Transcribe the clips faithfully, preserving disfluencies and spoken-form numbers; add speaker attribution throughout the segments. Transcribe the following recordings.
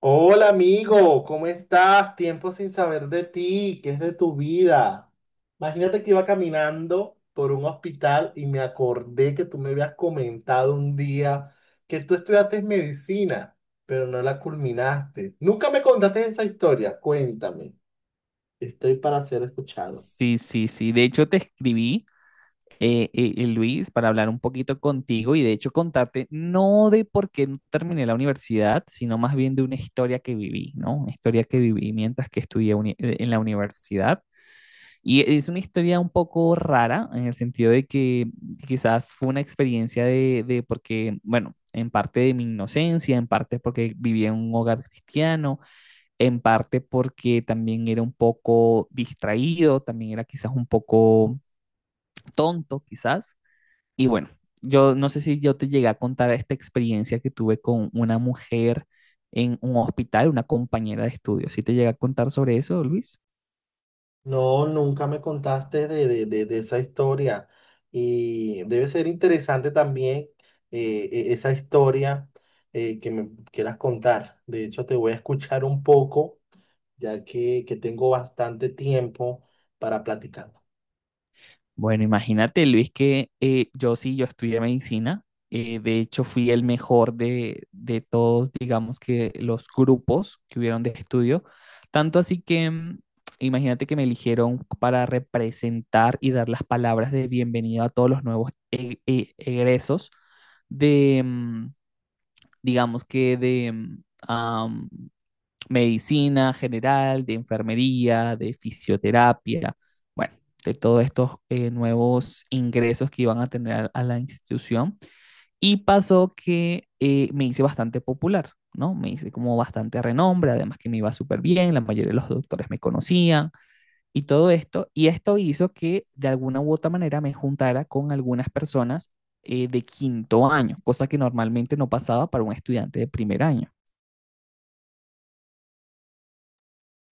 Speaker 1: Hola amigo, ¿cómo estás? Tiempo sin saber de ti, ¿qué es de tu vida? Imagínate que iba caminando por un hospital y me acordé que tú me habías comentado un día que tú estudiaste medicina, pero no la culminaste. Nunca me contaste esa historia, cuéntame. Estoy para ser escuchado.
Speaker 2: Sí, sí, sí. De hecho, te escribí, eh, eh, eh, Luis, para hablar un poquito contigo y de hecho contarte no de por qué no terminé la universidad, sino más bien de una historia que viví, ¿no? Una historia que viví mientras que estudié uni- eh, en la universidad. Y es una historia un poco rara en el sentido de que quizás fue una experiencia de, de porque, bueno, en parte de mi inocencia, en parte porque viví en un hogar cristiano, en parte porque también era un poco distraído, también era quizás un poco tonto, quizás. Y bueno, yo no sé si yo te llegué a contar esta experiencia que tuve con una mujer en un hospital, una compañera de estudio. ¿Sí te llegué a contar sobre eso, Luis?
Speaker 1: No, nunca me contaste de, de- de- de esa historia y debe ser interesante también eh, e- esa historia, eh, que me quieras contar. De hecho, te voy a escuchar un poco, ya que, que tengo bastante tiempo para platicar.
Speaker 2: Bueno, imagínate, Luis, que eh, yo sí, yo estudié medicina. Eh, de hecho, fui el mejor de, de todos, digamos que los grupos que hubieron de estudio. Tanto así que, mm, imagínate que me eligieron para representar y dar las palabras de bienvenida a todos los nuevos e- e- egresos de, mm, digamos que de, mm, medicina general, de enfermería, de fisioterapia, bueno, de todos estos eh, nuevos ingresos que iban a tener a la institución. Y pasó que eh, me hice bastante popular, ¿no? Me hice como bastante renombre, además que me iba súper bien, la mayoría de los doctores me conocían y todo esto. Y esto hizo que de alguna u otra manera me juntara con algunas personas eh, de quinto año, cosa que normalmente no pasaba para un estudiante de primer año.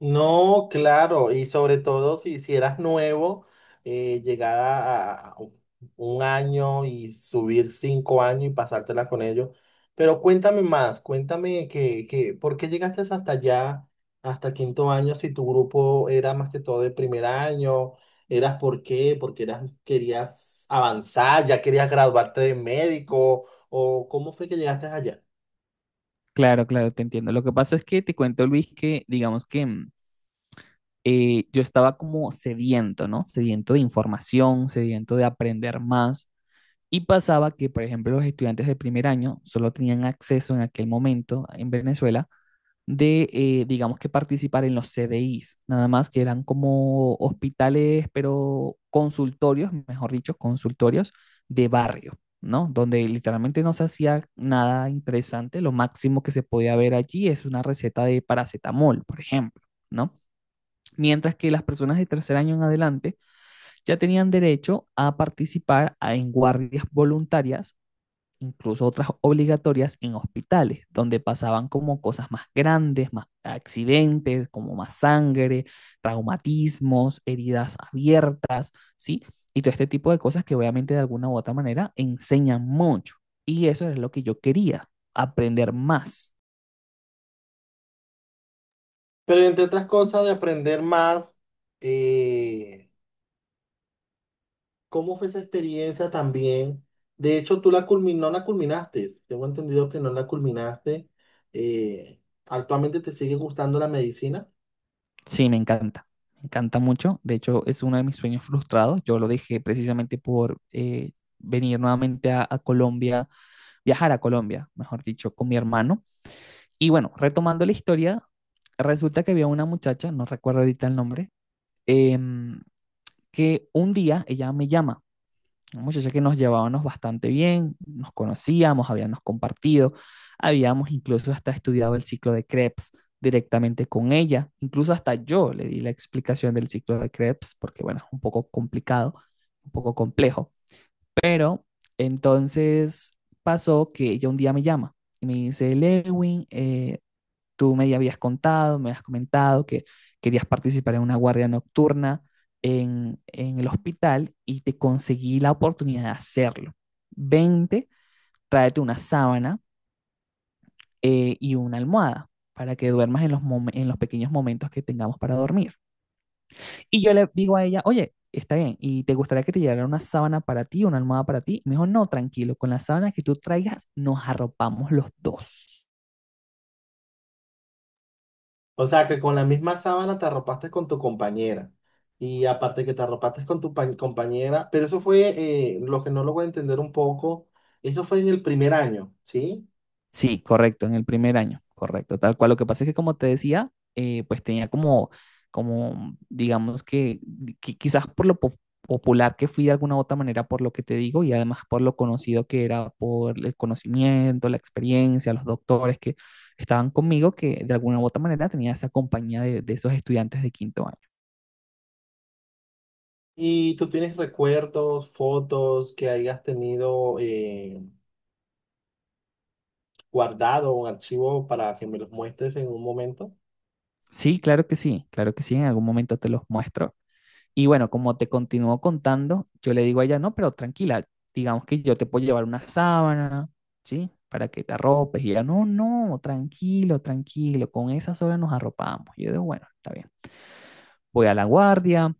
Speaker 1: No, claro, y sobre todo si, si eras nuevo, eh, llegar a, a un año y subir cinco años y pasártela con ellos. Pero cuéntame más, cuéntame que, que, ¿por qué llegaste hasta allá, hasta quinto año, si tu grupo era más que todo de primer año? ¿Eras por qué? Porque eras, querías avanzar, ya querías graduarte de médico. ¿O cómo fue que llegaste allá?
Speaker 2: Claro, claro, te entiendo. Lo que pasa es que te cuento, Luis, que digamos que mm, eh, yo estaba como sediento, ¿no? Sediento de información, sediento de aprender más. Y pasaba que, por ejemplo, los estudiantes de primer año solo tenían acceso en aquel momento en Venezuela de, eh, digamos que participar en los C D Is, nada más que eran como hospitales, pero consultorios, mejor dicho, consultorios de barrio, ¿no? Donde literalmente no se hacía nada interesante, lo máximo que se podía ver allí es una receta de paracetamol, por ejemplo, ¿no? Mientras que las personas de tercer año en adelante ya tenían derecho a participar a- en guardias voluntarias, incluso otras obligatorias en hospitales, donde pasaban como cosas más grandes, más accidentes, como más sangre, traumatismos, heridas abiertas, ¿sí? Y todo este tipo de cosas que obviamente de alguna u otra manera enseñan mucho. Y eso es lo que yo quería, aprender más.
Speaker 1: Pero entre otras cosas, de aprender más. eh, ¿Cómo fue esa experiencia también? De hecho, tú la culmin- no la culminaste. Tengo entendido que no la culminaste. Eh, ¿Actualmente te sigue gustando la medicina?
Speaker 2: Sí, me encanta, me encanta mucho. De hecho, es uno de mis sueños frustrados. Yo lo dejé precisamente por eh, venir nuevamente a, a Colombia, viajar a Colombia, mejor dicho, con mi hermano. Y bueno, retomando la historia, resulta que había una muchacha, no recuerdo ahorita el nombre, em, que un día ella me llama, una muchacha que nos llevábamos bastante bien, nos conocíamos, habíamos compartido, habíamos incluso hasta estudiado el ciclo de Krebs directamente con ella, incluso hasta yo le di la explicación del ciclo de Krebs, porque bueno, es un poco complicado, un poco complejo, pero entonces pasó que ella un día me llama y me dice, Lewin, eh, tú me habías contado, me habías comentado que querías participar en una guardia nocturna en, en el hospital y te conseguí la oportunidad de hacerlo. Vente, tráete una sábana eh, y una almohada para que duermas en los, mom- en los pequeños momentos que tengamos para dormir. Y yo le digo a ella, oye, está bien, ¿y te gustaría que te llegara una sábana para ti, una almohada para ti? Y me dijo, no, tranquilo, con la sábana que tú traigas nos arropamos los dos.
Speaker 1: O sea, que con la misma sábana te arropaste con tu compañera. Y aparte que te arropaste con tu pa- compañera, pero eso fue, eh, lo que no lo voy a entender un poco, eso fue en el primer año, ¿sí?
Speaker 2: Sí, correcto, en el primer año, correcto, tal cual. Lo que pasa es que, como te decía, eh, pues tenía como, como, digamos que, qui- quizás por lo po- popular que fui de alguna u otra manera, por lo que te digo, y además por lo conocido que era, por el conocimiento, la experiencia, los doctores que estaban conmigo, que de alguna u otra manera tenía esa compañía de, de esos estudiantes de quinto año.
Speaker 1: Y tú tienes recuerdos, fotos que hayas tenido eh, guardado, un archivo para que me los muestres en un momento.
Speaker 2: Sí, claro que sí, claro que sí, en algún momento te los muestro. Y bueno, como te continúo contando, yo le digo a ella, no, pero tranquila, digamos que yo te puedo llevar una sábana, ¿sí? Para que te arropes. Y ella, no, no, tranquilo, tranquilo, con esa sola nos arropamos. Y yo digo, bueno, está bien. Voy a la guardia,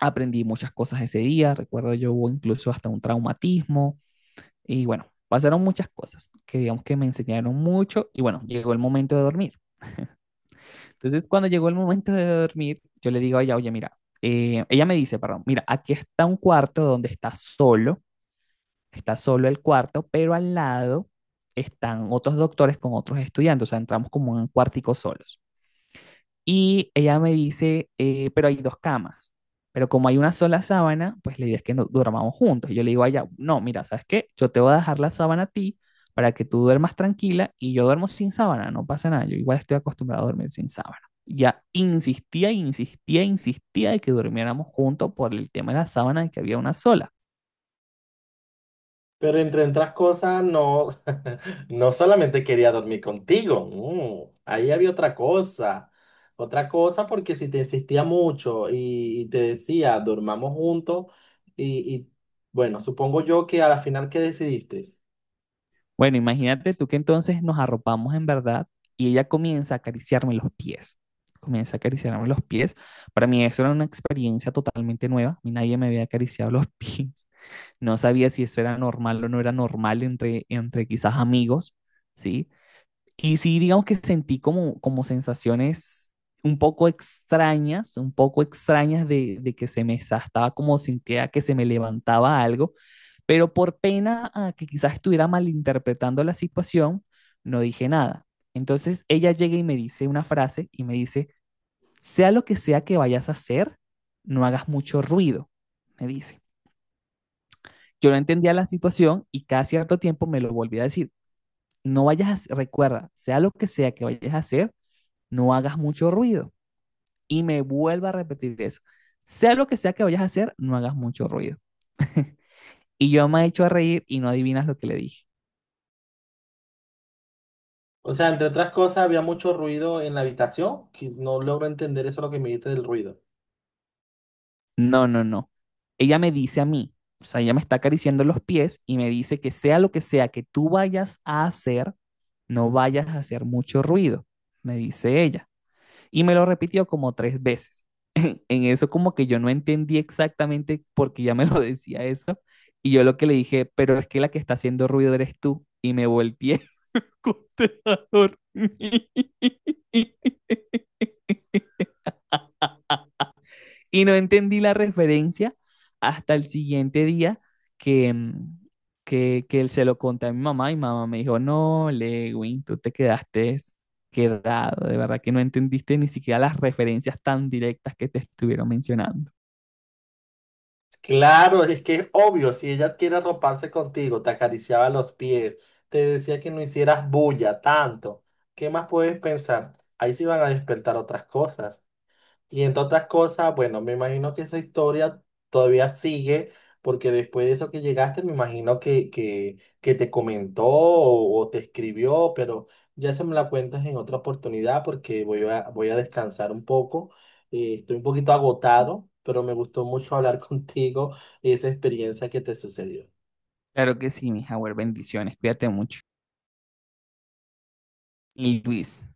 Speaker 2: aprendí muchas cosas ese día, recuerdo yo hubo incluso hasta un traumatismo y bueno, pasaron muchas cosas que digamos que me enseñaron mucho y bueno, llegó el momento de dormir. Entonces, cuando llegó el momento de dormir, yo le digo a ella, oye, mira, eh, ella me dice, perdón, mira, aquí está un cuarto donde está solo, está solo el cuarto, pero al lado están otros doctores con otros estudiantes, o sea, entramos como en un cuartico solos. Y ella me dice, eh, pero hay dos camas. Pero como hay una sola sábana, pues la idea es que no durmamos juntos. Y yo le digo a ella, no, mira, ¿sabes qué? Yo te voy a dejar la sábana a ti para que tú duermas tranquila y yo duermo sin sábana, no pasa nada. Yo igual estoy acostumbrado a dormir sin sábana. Ya insistía, insistía, insistía de que durmiéramos juntos por el tema de la sábana y que había una sola.
Speaker 1: Pero entre otras cosas, no, no solamente quería dormir contigo, no, ahí había otra cosa, otra cosa porque si te insistía mucho y, y te decía, dormamos juntos y, y, bueno, supongo yo que a la final, ¿qué decidiste?
Speaker 2: Bueno, imagínate tú que entonces nos arropamos en verdad y ella comienza a acariciarme los pies. Comienza a acariciarme los pies. Para mí eso era una experiencia totalmente nueva. A mí nadie me había acariciado los pies. No sabía si eso era normal o no era normal entre, entre quizás amigos, ¿sí? Y sí, digamos que sentí como, como sensaciones un poco extrañas, un poco extrañas de, de que se me estaba como sentía que se me levantaba algo, pero por pena a que quizás estuviera malinterpretando la situación, no dije nada. Entonces ella llega y me dice una frase y me dice, sea lo que sea que vayas a hacer, no hagas mucho ruido, me dice. Yo no entendía la situación y cada cierto tiempo me lo volvía a decir, no vayas a, recuerda, sea lo que sea que vayas a hacer, no hagas mucho ruido. Y me vuelvo a repetir eso. Sea lo que sea que vayas a hacer, no hagas mucho ruido. Y yo me he hecho a reír y no adivinas lo que le dije.
Speaker 1: O sea, entre otras cosas, había mucho ruido en la habitación, que no logro entender eso lo que me dijiste del ruido.
Speaker 2: No, no, no. Ella me dice a mí, o sea, ella me está acariciando los pies y me dice que sea lo que sea que tú vayas a hacer, no vayas a hacer mucho ruido, me dice ella. Y me lo repitió como tres veces. En en eso como que yo no entendí exactamente por qué ya me lo decía eso. Y yo lo que le dije, pero es que la que está haciendo ruido eres tú. Y me volteé acosté dormir. Y no entendí la referencia hasta el siguiente día que, mm, que, que él se lo conté a mi mamá y mi mamá me dijo, no, Lewin, tú te quedaste quedado, de verdad que no entendiste ni siquiera las referencias tan directas que te estuvieron mencionando.
Speaker 1: Claro, es que es obvio, si ella quiere roparse contigo, te acariciaba los pies, te decía que no hicieras bulla tanto, ¿qué más puedes pensar? Ahí sí van a despertar otras cosas. Y entre otras cosas, bueno, me imagino que esa historia todavía sigue, porque después de eso que llegaste, me imagino que, que, que te comentó o, o te escribió, pero ya se me la cuentas en otra oportunidad porque voy a, voy a descansar un poco. Eh, estoy un poquito agotado, pero me gustó mucho hablar contigo y esa experiencia que te sucedió.
Speaker 2: Claro que sí, mi Howard, bendiciones, cuídate mucho. Y Luis,